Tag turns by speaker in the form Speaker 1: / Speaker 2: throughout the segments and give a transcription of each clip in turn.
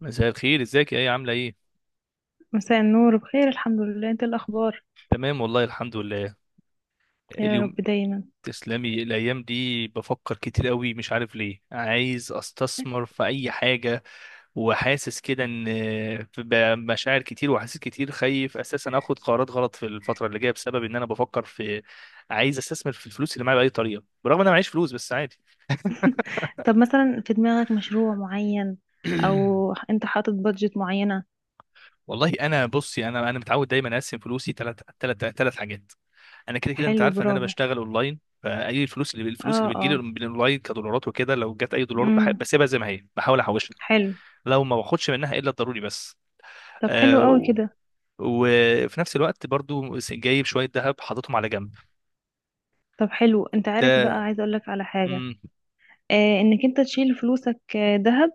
Speaker 1: مساء الخير، ازيك يا ايه؟ عامله ايه؟
Speaker 2: مساء النور، بخير الحمد لله. انت إيه الاخبار؟
Speaker 1: تمام والله، الحمد لله.
Speaker 2: يا رب
Speaker 1: اليوم...
Speaker 2: دايما.
Speaker 1: تسلمي. الايام دي بفكر كتير قوي، مش عارف ليه، عايز استثمر في اي حاجه، وحاسس كده ان في مشاعر كتير، وحاسس كتير خايف اساسا اخد قرارات غلط في الفتره اللي جايه، بسبب ان انا بفكر في... عايز استثمر في الفلوس اللي معايا باي طريقه، برغم ان انا معيش فلوس، بس عادي.
Speaker 2: طب مثلا في دماغك مشروع معين او انت حاطط بادجت معينة؟
Speaker 1: والله انا بصي، انا متعود دايما اقسم فلوسي ثلاث ثلاث ثلاث حاجات. انا كده كده انت
Speaker 2: حلو،
Speaker 1: عارف ان انا
Speaker 2: برافو.
Speaker 1: بشتغل اونلاين، فاي الفلوس، اللي الفلوس
Speaker 2: اه،
Speaker 1: اللي بتجيلي
Speaker 2: اه.
Speaker 1: من الاونلاين كدولارات وكده، لو جت اي دولارات
Speaker 2: امم
Speaker 1: بسيبها زي ما هي، بحاول احوشها،
Speaker 2: حلو.
Speaker 1: لو ما باخدش منها الا الضروري بس.
Speaker 2: طب حلو قوي
Speaker 1: و-
Speaker 2: كده.
Speaker 1: وفي نفس الوقت برضو جايب شويه ذهب حاططهم على جنب.
Speaker 2: طب حلو، انت عارف بقى
Speaker 1: ده،
Speaker 2: عايزه اقول لك على حاجة؟
Speaker 1: امم.
Speaker 2: آه، انك انت تشيل فلوسك دهب،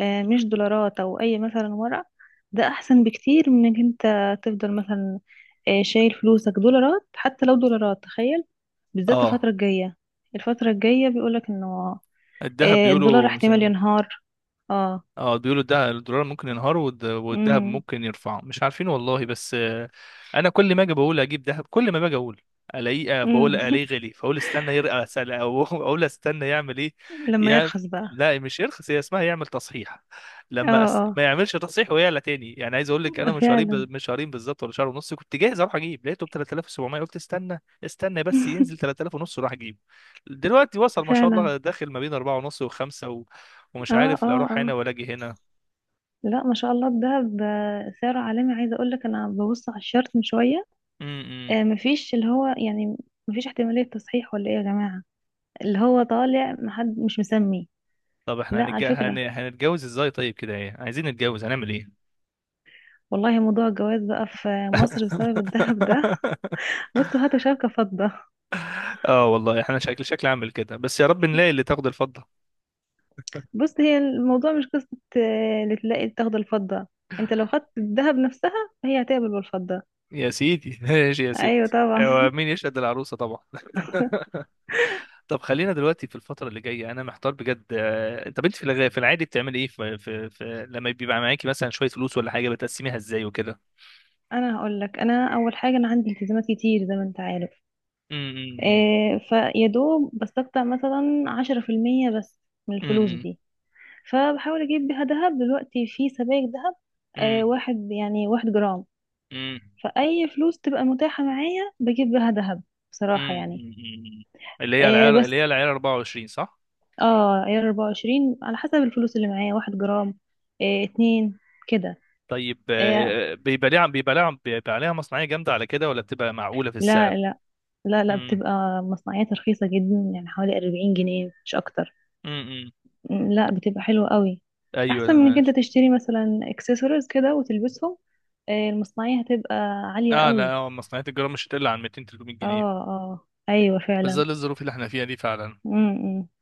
Speaker 2: مش دولارات او اي مثلا ورق. ده احسن بكتير من انك انت تفضل مثلا شايل فلوسك دولارات، حتى لو دولارات، تخيل. بالذات الفترة
Speaker 1: اه،
Speaker 2: الجاية، الفترة الجاية بيقولك انه
Speaker 1: الذهب
Speaker 2: الدولار
Speaker 1: بيقولوا.
Speaker 2: احتمال ينهار. اه.
Speaker 1: اه، بيقولوا ده الدولار ممكن ينهار، والذهب
Speaker 2: امم
Speaker 1: ممكن يرفعه، مش عارفين والله بس. انا كل ما اجي بقول اجيب ذهب، كل ما باجي اقول الاقيه،
Speaker 2: امم
Speaker 1: بقول الاقيه غالي، فاقول استنى يرقى اسال، او اقول استنى يعمل ايه.
Speaker 2: لما
Speaker 1: يا...
Speaker 2: يرخص بقى.
Speaker 1: لا مش يرخص، هي اسمها يعمل تصحيح.
Speaker 2: اه،
Speaker 1: ما
Speaker 2: اه.
Speaker 1: يعملش تصحيح ويعلى تاني. يعني عايز اقول لك، انا من شهرين،
Speaker 2: فعلا.
Speaker 1: من شهرين بالظبط ولا شهر ونص، كنت جاهز اروح اجيب، لقيته ب 3700، قلت استنى استنى بس ينزل 3000 ونص وراح اجيب. دلوقتي وصل ما شاء
Speaker 2: فعلا.
Speaker 1: الله، داخل ما بين 4 ونص و5. ومش
Speaker 2: اه،
Speaker 1: عارف لا
Speaker 2: اه،
Speaker 1: اروح هنا
Speaker 2: اه.
Speaker 1: ولا اجي هنا.
Speaker 2: لا، ما شاء الله الدهب سعره عالمي. عايزه اقول لك انا ببص على الشارت من شويه،
Speaker 1: امم.
Speaker 2: مفيش اللي هو يعني مفيش احتماليه تصحيح ولا ايه يا جماعه؟ اللي هو طالع، محد مش مسمي.
Speaker 1: طب احنا
Speaker 2: لا، على فكرة،
Speaker 1: هنتجوز ازاي طيب كده؟ ايه، عايزين نتجوز، هنعمل ايه؟
Speaker 2: والله موضوع الجواز بقى في مصر بسبب الذهب ده بصوا هاتوا شبكة فضة.
Speaker 1: اه والله احنا شكل شكل عامل كده، بس يا رب نلاقي اللي تاخد الفضة.
Speaker 2: بص، هي الموضوع مش قصة اللي تلاقي تاخد الفضة. انت لو خدت الذهب نفسها، فهي هتقبل بالفضة.
Speaker 1: يا سيدي، ماشي يا
Speaker 2: ايوه
Speaker 1: ستي. هو
Speaker 2: طبعا.
Speaker 1: مين يشهد العروسة طبعا؟ طب خلينا دلوقتي في الفترة اللي جاية، أنا محتار بجد. طب أنت في العادي بتعملي إيه في لما بيبقى معاكي مثلا شوية فلوس ولا حاجة، بتقسميها إزاي وكده؟
Speaker 2: انا هقول لك، انا اول حاجة انا عندي التزامات كتير زي ما انت عارف.
Speaker 1: أمم.
Speaker 2: إيه، فيا دوب بستقطع مثلا 10% بس من الفلوس
Speaker 1: أمم.
Speaker 2: دي. فبحاول اجيب بيها ذهب دلوقتي، في سبائك ذهب
Speaker 1: أمم.
Speaker 2: واحد يعني واحد جرام.
Speaker 1: أمم.
Speaker 2: فأي فلوس تبقى متاحة معايا بجيب بها ذهب بصراحة
Speaker 1: امم.
Speaker 2: يعني.
Speaker 1: أمم. اللي هي
Speaker 2: إيه
Speaker 1: العيار، اللي
Speaker 2: بس،
Speaker 1: هي العيار 24، صح؟
Speaker 2: اه، عيار 24 على حسب الفلوس اللي معايا، واحد جرام، إيه اتنين كده.
Speaker 1: طيب،
Speaker 2: إيه،
Speaker 1: بيبقى ليها بيبقى ليها بيبقى عليها مصنعيه جامده على كده، ولا بتبقى معقوله في السعر؟
Speaker 2: لا لا، لا
Speaker 1: امم.
Speaker 2: بتبقى مصنعيات رخيصة جدا، يعني حوالي 40 جنيه مش أكتر.
Speaker 1: امم.
Speaker 2: لا بتبقى حلوة قوي،
Speaker 1: ايوه،
Speaker 2: أحسن من إنك
Speaker 1: عارف.
Speaker 2: أنت تشتري مثلا اكسسوارز كده وتلبسهم، إيه المصنعية هتبقى عالية
Speaker 1: اه لا،
Speaker 2: قوي.
Speaker 1: مصنعيه الجرام مش هتقل عن 200 300
Speaker 2: اه،
Speaker 1: جنيه
Speaker 2: اه أيوة
Speaker 1: في
Speaker 2: فعلا.
Speaker 1: ظل الظروف اللي احنا فيها دي، فعلا.
Speaker 2: م -م.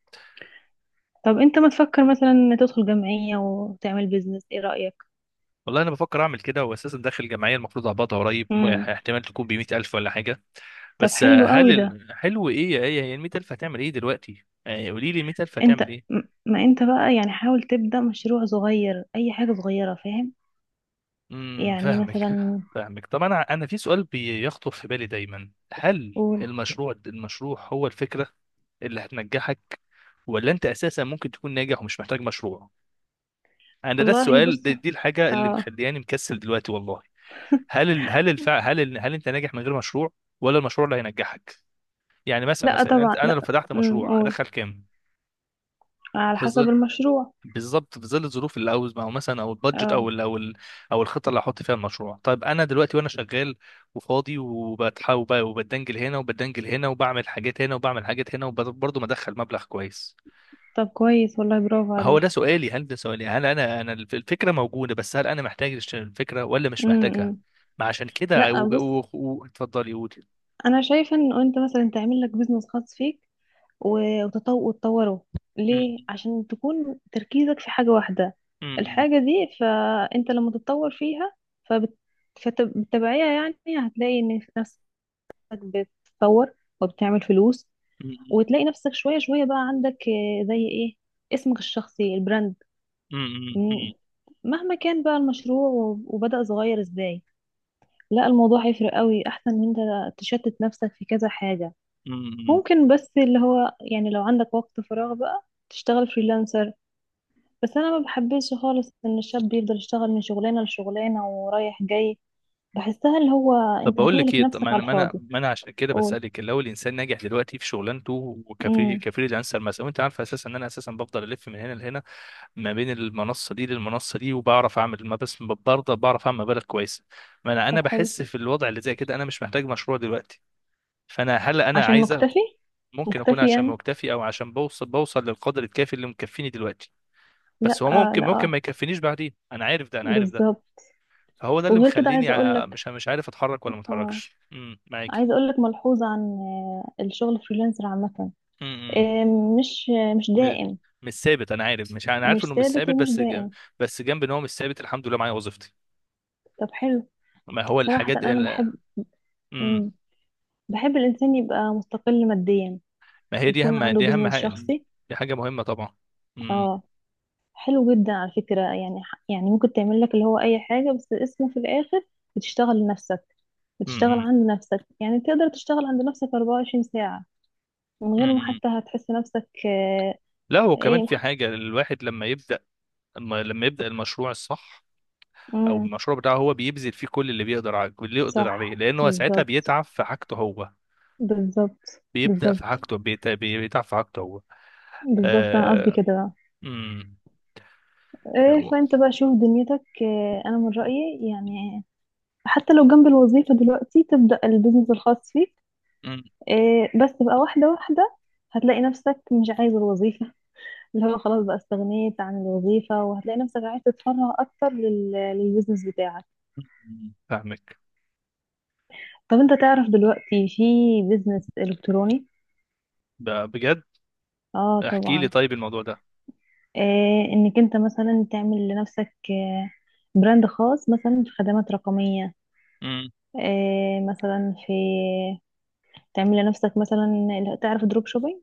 Speaker 2: طب انت ما تفكر مثلا ان تدخل جمعية وتعمل بيزنس، ايه رأيك؟
Speaker 1: والله انا بفكر اعمل كده، واساسا داخل جمعيه المفروض اقبضها قريب،
Speaker 2: امم
Speaker 1: احتمال تكون ب 100000 ولا حاجه.
Speaker 2: طب
Speaker 1: بس.
Speaker 2: حلو قوي ده.
Speaker 1: حلو ايه يا ايه؟ هي ال 100000 هتعمل ايه دلوقتي؟ قولي لي، ال 100000
Speaker 2: انت
Speaker 1: هتعمل ايه؟
Speaker 2: ما انت بقى يعني حاول تبدأ مشروع صغير، اي حاجة صغيرة، فاهم؟
Speaker 1: امم،
Speaker 2: يعني
Speaker 1: فاهمك.
Speaker 2: مثلا
Speaker 1: فاهمك. طب انا، انا في سؤال بيخطر في بالي دايما: هل
Speaker 2: قول.
Speaker 1: المشروع هو الفكره اللي هتنجحك، ولا انت اساسا ممكن تكون ناجح ومش محتاج مشروع؟ انا ده
Speaker 2: والله
Speaker 1: السؤال،
Speaker 2: بص،
Speaker 1: دي الحاجه اللي
Speaker 2: اه،
Speaker 1: مخلياني مكسل دلوقتي والله. هل ال... هل الفع... هل ال... هل انت ناجح من غير مشروع، ولا المشروع اللي هينجحك؟ يعني مثلا،
Speaker 2: لا
Speaker 1: مثلا انت،
Speaker 2: طبعا
Speaker 1: انا لو
Speaker 2: لا.
Speaker 1: فتحت مشروع
Speaker 2: قول.
Speaker 1: هدخل كام؟
Speaker 2: على حسب المشروع.
Speaker 1: بالظبط، في ظل الظروف اللي عاوز، او مثلا، او البادجت
Speaker 2: اه،
Speaker 1: او الخطه اللي هحط فيها المشروع. طيب انا دلوقتي وانا شغال وفاضي، وبتحاول وبدنجل هنا وبدنجل هنا، وبعمل حاجات هنا وبعمل حاجات هنا، وبرضه مدخل مبلغ كويس.
Speaker 2: طب كويس والله، برافو
Speaker 1: ما هو
Speaker 2: عليك.
Speaker 1: ده سؤالي، هل ده سؤالي، هل انا، الفكره موجوده، بس هل انا محتاج أشتري الفكره ولا مش محتاجها؟
Speaker 2: امم
Speaker 1: ما عشان كده
Speaker 2: لا بص،
Speaker 1: اتفضلي قولي.
Speaker 2: انا شايفة ان انت مثلا تعمل لك بيزنس خاص فيك وتطوره، ليه؟
Speaker 1: م.
Speaker 2: عشان تكون تركيزك في حاجة واحدة،
Speaker 1: م. م.
Speaker 2: الحاجة دي. فأنت لما تتطور فيها، فبت... فبالتبعية يعني هتلاقي إن نفسك بتتطور وبتعمل فلوس،
Speaker 1: م.
Speaker 2: وتلاقي نفسك شوية شوية بقى عندك زي إيه، اسمك الشخصي، البراند.
Speaker 1: م.
Speaker 2: م- مهما كان بقى المشروع وبدأ صغير إزاي، لا الموضوع هيفرق قوي، أحسن من أنت تشتت نفسك في كذا حاجة.
Speaker 1: م. م. م. م.
Speaker 2: ممكن بس اللي هو يعني لو عندك وقت فراغ بقى تشتغل فريلانسر، بس انا ما بحبش خالص ان الشاب يفضل يشتغل من شغلانه لشغلانه ورايح جاي. بحسها اللي هو،
Speaker 1: طب
Speaker 2: انت
Speaker 1: بقول لك
Speaker 2: هتهلك
Speaker 1: ايه؟ طب ما
Speaker 2: نفسك
Speaker 1: انا،
Speaker 2: على
Speaker 1: ما انا
Speaker 2: الفاضي.
Speaker 1: ما انا عشان كده
Speaker 2: قول.
Speaker 1: بسالك، لو الانسان ناجح دلوقتي في شغلانته وكفري
Speaker 2: امم
Speaker 1: كفريلانسر مثلا، وانت عارفه اساسا ان انا اساسا بفضل الف من هنا لهنا، ما بين المنصه دي للمنصه دي، وبعرف اعمل ما، بس برضه بعرف اعمل مبالغ كويسه. ما انا، انا
Speaker 2: طب حلو،
Speaker 1: بحس في الوضع اللي زي كده انا مش محتاج مشروع دلوقتي. فانا، هل انا
Speaker 2: عشان
Speaker 1: عايزه؟
Speaker 2: مكتفي.
Speaker 1: ممكن اكون
Speaker 2: مكتفي
Speaker 1: عشان
Speaker 2: يعني؟
Speaker 1: مكتفي، او عشان بوصل، للقدر الكافي اللي مكفيني دلوقتي. بس
Speaker 2: لا
Speaker 1: هو ممكن،
Speaker 2: لا،
Speaker 1: ما يكفينيش بعدين، انا عارف ده، انا عارف ده.
Speaker 2: بالظبط.
Speaker 1: فهو ده اللي
Speaker 2: وغير كده
Speaker 1: مخليني
Speaker 2: عايزه اقول لك،
Speaker 1: مش، عارف اتحرك ولا ما
Speaker 2: اه،
Speaker 1: اتحركش. امم، معاكي.
Speaker 2: عايزه اقول لك ملحوظه عن الشغل فريلانسر عامه،
Speaker 1: إمم، إمم.
Speaker 2: آه، مش، مش
Speaker 1: م-
Speaker 2: دائم.
Speaker 1: مش ثابت، انا عارف، مش، انا عارف
Speaker 2: مش
Speaker 1: انه مش
Speaker 2: ثابت
Speaker 1: ثابت،
Speaker 2: ومش دائم.
Speaker 1: بس جنب ان هو مش ثابت، الحمد لله معايا وظيفتي.
Speaker 2: طب حلو.
Speaker 1: ما هو
Speaker 2: صراحه
Speaker 1: الحاجات
Speaker 2: انا
Speaker 1: ال...
Speaker 2: بحب،
Speaker 1: مم.
Speaker 2: مم. بحب الإنسان يبقى مستقل ماديا،
Speaker 1: ما هي دي
Speaker 2: يكون
Speaker 1: اهم،
Speaker 2: عنده
Speaker 1: دي اهم
Speaker 2: بيزنس
Speaker 1: حاجه.
Speaker 2: شخصي.
Speaker 1: دي حاجه مهمه طبعا. مم.
Speaker 2: اه، حلو جدا على فكرة، يعني يعني ممكن تعمل لك اللي هو أي حاجة، بس اسمه في الآخر بتشتغل لنفسك، بتشتغل
Speaker 1: مم.
Speaker 2: عند نفسك، يعني تقدر تشتغل عند نفسك 24 ساعة من
Speaker 1: مم.
Speaker 2: غير ما
Speaker 1: مم.
Speaker 2: حتى هتحس نفسك
Speaker 1: لا هو كمان
Speaker 2: ايه
Speaker 1: في
Speaker 2: مح...
Speaker 1: حاجه، الواحد لما يبدا، لما يبدا المشروع الصح او
Speaker 2: مم.
Speaker 1: المشروع بتاعه، هو بيبذل فيه كل اللي بيقدر عليه، اللي يقدر عليه،
Speaker 2: صح
Speaker 1: لانه ساعتها
Speaker 2: بالظبط،
Speaker 1: بيتعب في حاجته هو.
Speaker 2: بالظبط
Speaker 1: بيبدا في
Speaker 2: بالظبط.
Speaker 1: حاجته، بيتعب في حاجته هو.
Speaker 2: بالظبط، أنا قصدي
Speaker 1: آه...
Speaker 2: كده بقى.
Speaker 1: مم.
Speaker 2: إيه،
Speaker 1: مم.
Speaker 2: فأنت بقى شوف دنيتك، أنا من رأيي يعني حتى لو جنب الوظيفة دلوقتي تبدأ البيزنس الخاص فيك، إيه، بس بقى واحدة واحدة. هتلاقي نفسك مش عايز الوظيفة اللي هو خلاص بقى استغنيت عن الوظيفة، وهتلاقي نفسك عايز تتفرغ أكتر للبيزنس بتاعك.
Speaker 1: مم، فاهمك.
Speaker 2: طب أنت تعرف دلوقتي في بيزنس إلكتروني؟
Speaker 1: بجد؟
Speaker 2: آه
Speaker 1: احكي لي
Speaker 2: طبعا.
Speaker 1: طيب الموضوع ده.
Speaker 2: إيه، إنك أنت مثلا تعمل لنفسك براند خاص مثلا في خدمات رقمية.
Speaker 1: امم.
Speaker 2: إيه مثلا في، تعمل لنفسك مثلا. تعرف دروب شوبينج؟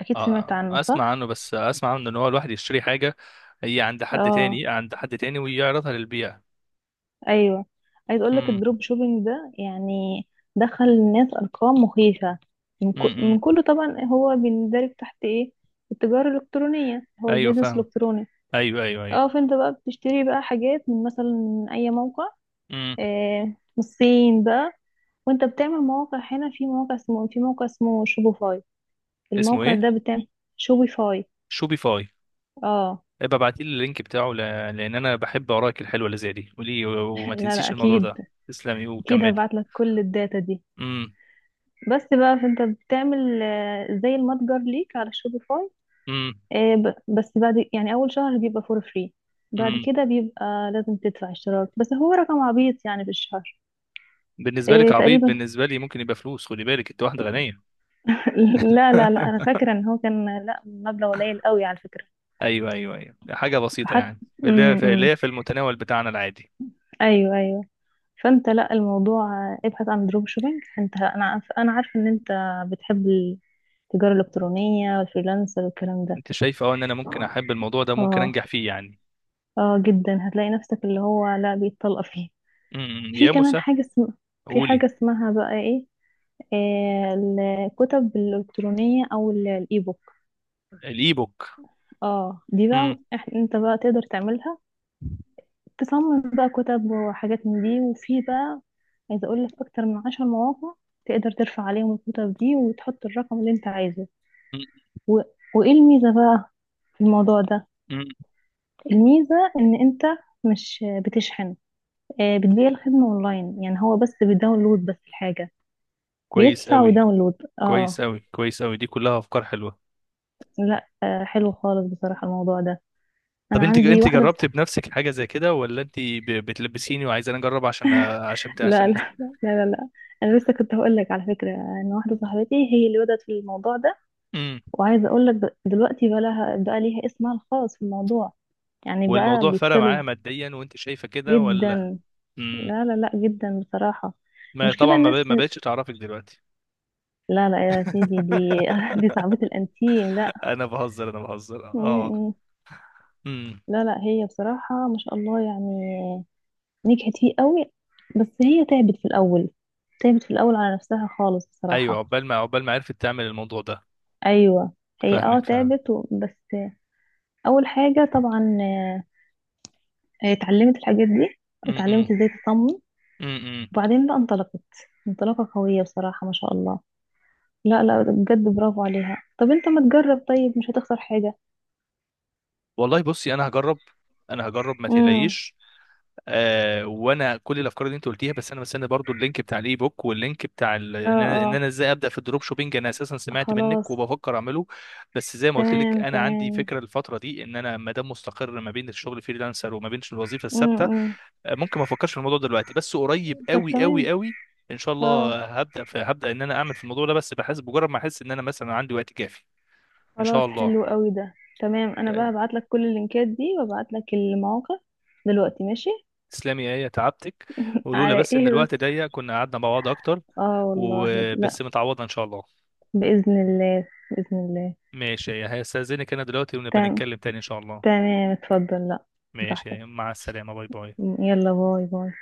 Speaker 2: أكيد سمعت عنه
Speaker 1: اسمع
Speaker 2: صح؟
Speaker 1: عنه، بس اسمع عنه ان هو الواحد يشتري حاجه هي عند حد
Speaker 2: اه،
Speaker 1: تاني، عند حد تاني، ويعرضها للبيع.
Speaker 2: ايوه. عايز اقول لك
Speaker 1: امم.
Speaker 2: الدروب شوبينج ده يعني دخل الناس ارقام مخيفه
Speaker 1: امم.
Speaker 2: من كله طبعا، هو بيندرج تحت ايه؟ التجاره الالكترونيه، هو
Speaker 1: ايوه
Speaker 2: البيزنس
Speaker 1: فاهم.
Speaker 2: الالكتروني.
Speaker 1: ايوه، ايوه، ايوه.
Speaker 2: اه، فانت بقى بتشتري بقى حاجات من مثلا من اي موقع،
Speaker 1: امم.
Speaker 2: آه من الصين بقى. وانت بتعمل مواقع هنا، في موقع اسمه شوبيفاي.
Speaker 1: اسمه
Speaker 2: الموقع
Speaker 1: ايه؟
Speaker 2: ده بتاع شوبيفاي.
Speaker 1: شوبيفاي؟
Speaker 2: اه.
Speaker 1: ابقى ابعت لي اللينك بتاعه ل... لان انا بحب اوراق الحلوه اللي زي دي. قولي، وما
Speaker 2: لا لا،
Speaker 1: تنسيش الموضوع
Speaker 2: اكيد،
Speaker 1: ده. تسلمي
Speaker 2: اكيد
Speaker 1: وكملي.
Speaker 2: هبعت لك كل الداتا دي.
Speaker 1: امم.
Speaker 2: بس بقى فانت بتعمل زي المتجر ليك على شوبيفاي.
Speaker 1: امم.
Speaker 2: بس بعد يعني اول شهر بيبقى فور فري، بعد
Speaker 1: امم.
Speaker 2: كده بيبقى لازم تدفع اشتراك، بس هو رقم عبيط يعني في الشهر.
Speaker 1: بالنسبه لك عبيط،
Speaker 2: تقريبا.
Speaker 1: بالنسبه لي ممكن يبقى فلوس، خدي بالك انت واحده غنيه.
Speaker 2: لا، انا فاكره ان هو كان، لا، مبلغ قليل قوي على فكره،
Speaker 1: ايوه ايوه ايوه، حاجه بسيطه
Speaker 2: حتى.
Speaker 1: يعني، اللي هي في،
Speaker 2: امم
Speaker 1: اللي هي في المتناول بتاعنا العادي.
Speaker 2: ايوه ايوه. فانت، لا الموضوع ابحث عن دروب شوبينج. انت، انا عارفه ان انت بتحب التجاره الالكترونيه والفريلانسر والكلام ده.
Speaker 1: انت شايف، اه، ان انا ممكن احب الموضوع ده، ممكن
Speaker 2: اه،
Speaker 1: انجح فيه يعني؟
Speaker 2: اه جدا، هتلاقي نفسك اللي هو لا بيتطلق فيه.
Speaker 1: امم،
Speaker 2: في
Speaker 1: يا
Speaker 2: كمان
Speaker 1: موسى!
Speaker 2: حاجة في
Speaker 1: قولي.
Speaker 2: حاجة اسمها بقى ايه، آه، الكتب الإلكترونية أو الإيبوك.
Speaker 1: الاي بوك.
Speaker 2: اه، دي
Speaker 1: امم.
Speaker 2: بقى انت بقى تقدر تعملها، تصمم بقى كتب وحاجات من دي. وفي بقى، عايزة أقول لك، أكتر من 10 مواقع تقدر ترفع عليهم الكتب دي وتحط الرقم اللي انت عايزه.
Speaker 1: أمم،
Speaker 2: و... وإيه الميزة بقى في الموضوع ده؟
Speaker 1: أمم.
Speaker 2: الميزة إن انت مش بتشحن، بتبيع الخدمة اونلاين، يعني هو بس بيداونلود بس الحاجة،
Speaker 1: كويس
Speaker 2: بيدفع
Speaker 1: قوي.
Speaker 2: وداونلود. اه.
Speaker 1: كويس قوي، كويس قوي، دي كلها افكار حلوه.
Speaker 2: لا حلو خالص بصراحة الموضوع ده. انا
Speaker 1: طب انت،
Speaker 2: عندي
Speaker 1: انت
Speaker 2: واحدة
Speaker 1: جربت
Speaker 2: صح...
Speaker 1: بنفسك حاجه زي كده، ولا انت بتلبسيني وعايزه انا اجرب، عشان عشان
Speaker 2: لا
Speaker 1: عشان؟
Speaker 2: لا، لا، انا لسه كنت هقول لك على فكرة ان واحدة صاحبتي هي اللي بدأت في الموضوع ده.
Speaker 1: امم.
Speaker 2: وعايزة اقول لك دلوقتي بقى ليها اسمها الخاص في الموضوع، يعني بقى
Speaker 1: والموضوع فرق معاها
Speaker 2: بيطلب.
Speaker 1: ماديا وانت شايفه كده ولا؟
Speaker 2: جدا.
Speaker 1: امم.
Speaker 2: لا جدا بصراحة.
Speaker 1: ما
Speaker 2: المشكلة
Speaker 1: طبعا،
Speaker 2: الناس،
Speaker 1: ما بقتش تعرفك دلوقتي.
Speaker 2: لا لا يا سيدي، دي دي صعبة الانتيم، لا.
Speaker 1: انا بهزر، انا بهزر،
Speaker 2: م-
Speaker 1: اه.
Speaker 2: م.
Speaker 1: امم.
Speaker 2: لا لا، هي بصراحة ما شاء الله يعني نجحت فيه قوي، بس هي تعبت في الأول. تعبت في الأول على نفسها خالص
Speaker 1: ايوه،
Speaker 2: بصراحة.
Speaker 1: عقبال ما، عقبال ما عرفت تعمل الموضوع ده.
Speaker 2: أيوة هي اه
Speaker 1: فاهمك، فاهم.
Speaker 2: تعبت بس. أول حاجة طبعا هي اتعلمت الحاجات دي،
Speaker 1: امم.
Speaker 2: واتعلمت
Speaker 1: امم.
Speaker 2: ازاي تصمم،
Speaker 1: امم، امم.
Speaker 2: وبعدين بقى انطلقت، انطلاقة قوية بصراحة ما شاء الله. لا لا، بجد برافو عليها. طب انت ما تجرب؟ طيب مش هتخسر حاجة.
Speaker 1: والله بصي، انا هجرب، انا هجرب ما
Speaker 2: امم
Speaker 1: تقلقيش. آه، وانا كل الافكار اللي انت قلتيها، بس انا مستني برضو اللينك بتاع الاي بوك واللينك بتاع ال...
Speaker 2: اه
Speaker 1: ان انا، إن
Speaker 2: اه.
Speaker 1: أنا ازاي ابدا في الدروب شوبينج. انا اساسا سمعت منك
Speaker 2: خلاص.
Speaker 1: وبفكر اعمله. بس زي ما قلت لك،
Speaker 2: تمام
Speaker 1: انا عندي
Speaker 2: تمام.
Speaker 1: فكره الفتره دي، ان انا ما دام مستقر ما بين الشغل فريلانسر وما بين الوظيفه الثابته،
Speaker 2: امم
Speaker 1: ممكن ما افكرش في الموضوع دلوقتي، بس قريب
Speaker 2: طب
Speaker 1: قوي
Speaker 2: تمام.
Speaker 1: قوي قوي ان شاء
Speaker 2: اه،
Speaker 1: الله، هبدا ان انا اعمل في الموضوع ده، بس بحس بمجرد ما احس ان انا مثلا عندي وقت كافي. ان
Speaker 2: خلاص،
Speaker 1: شاء
Speaker 2: حلو
Speaker 1: الله.
Speaker 2: قوي ده. تمام، انا بقى هبعت لك كل اللينكات دي وابعت لك المواقع دلوقتي، ماشي.
Speaker 1: تسلمي يا ايه، تعبتك. ولولا
Speaker 2: على
Speaker 1: بس ان
Speaker 2: ايه
Speaker 1: الوقت
Speaker 2: بس؟
Speaker 1: ضيق كنا قعدنا مع بعض اكتر.
Speaker 2: اه والله لا.
Speaker 1: وبس متعوضه ان شاء الله.
Speaker 2: باذن الله، باذن الله.
Speaker 1: ماشي يا إيه، هستاذنك انا دلوقتي، ونبقى
Speaker 2: تمام
Speaker 1: نتكلم تاني ان شاء الله.
Speaker 2: تمام، اتفضل، لا،
Speaker 1: ماشي يا
Speaker 2: براحتك.
Speaker 1: إيه، مع السلامه، باي باي.
Speaker 2: يلا، باي باي.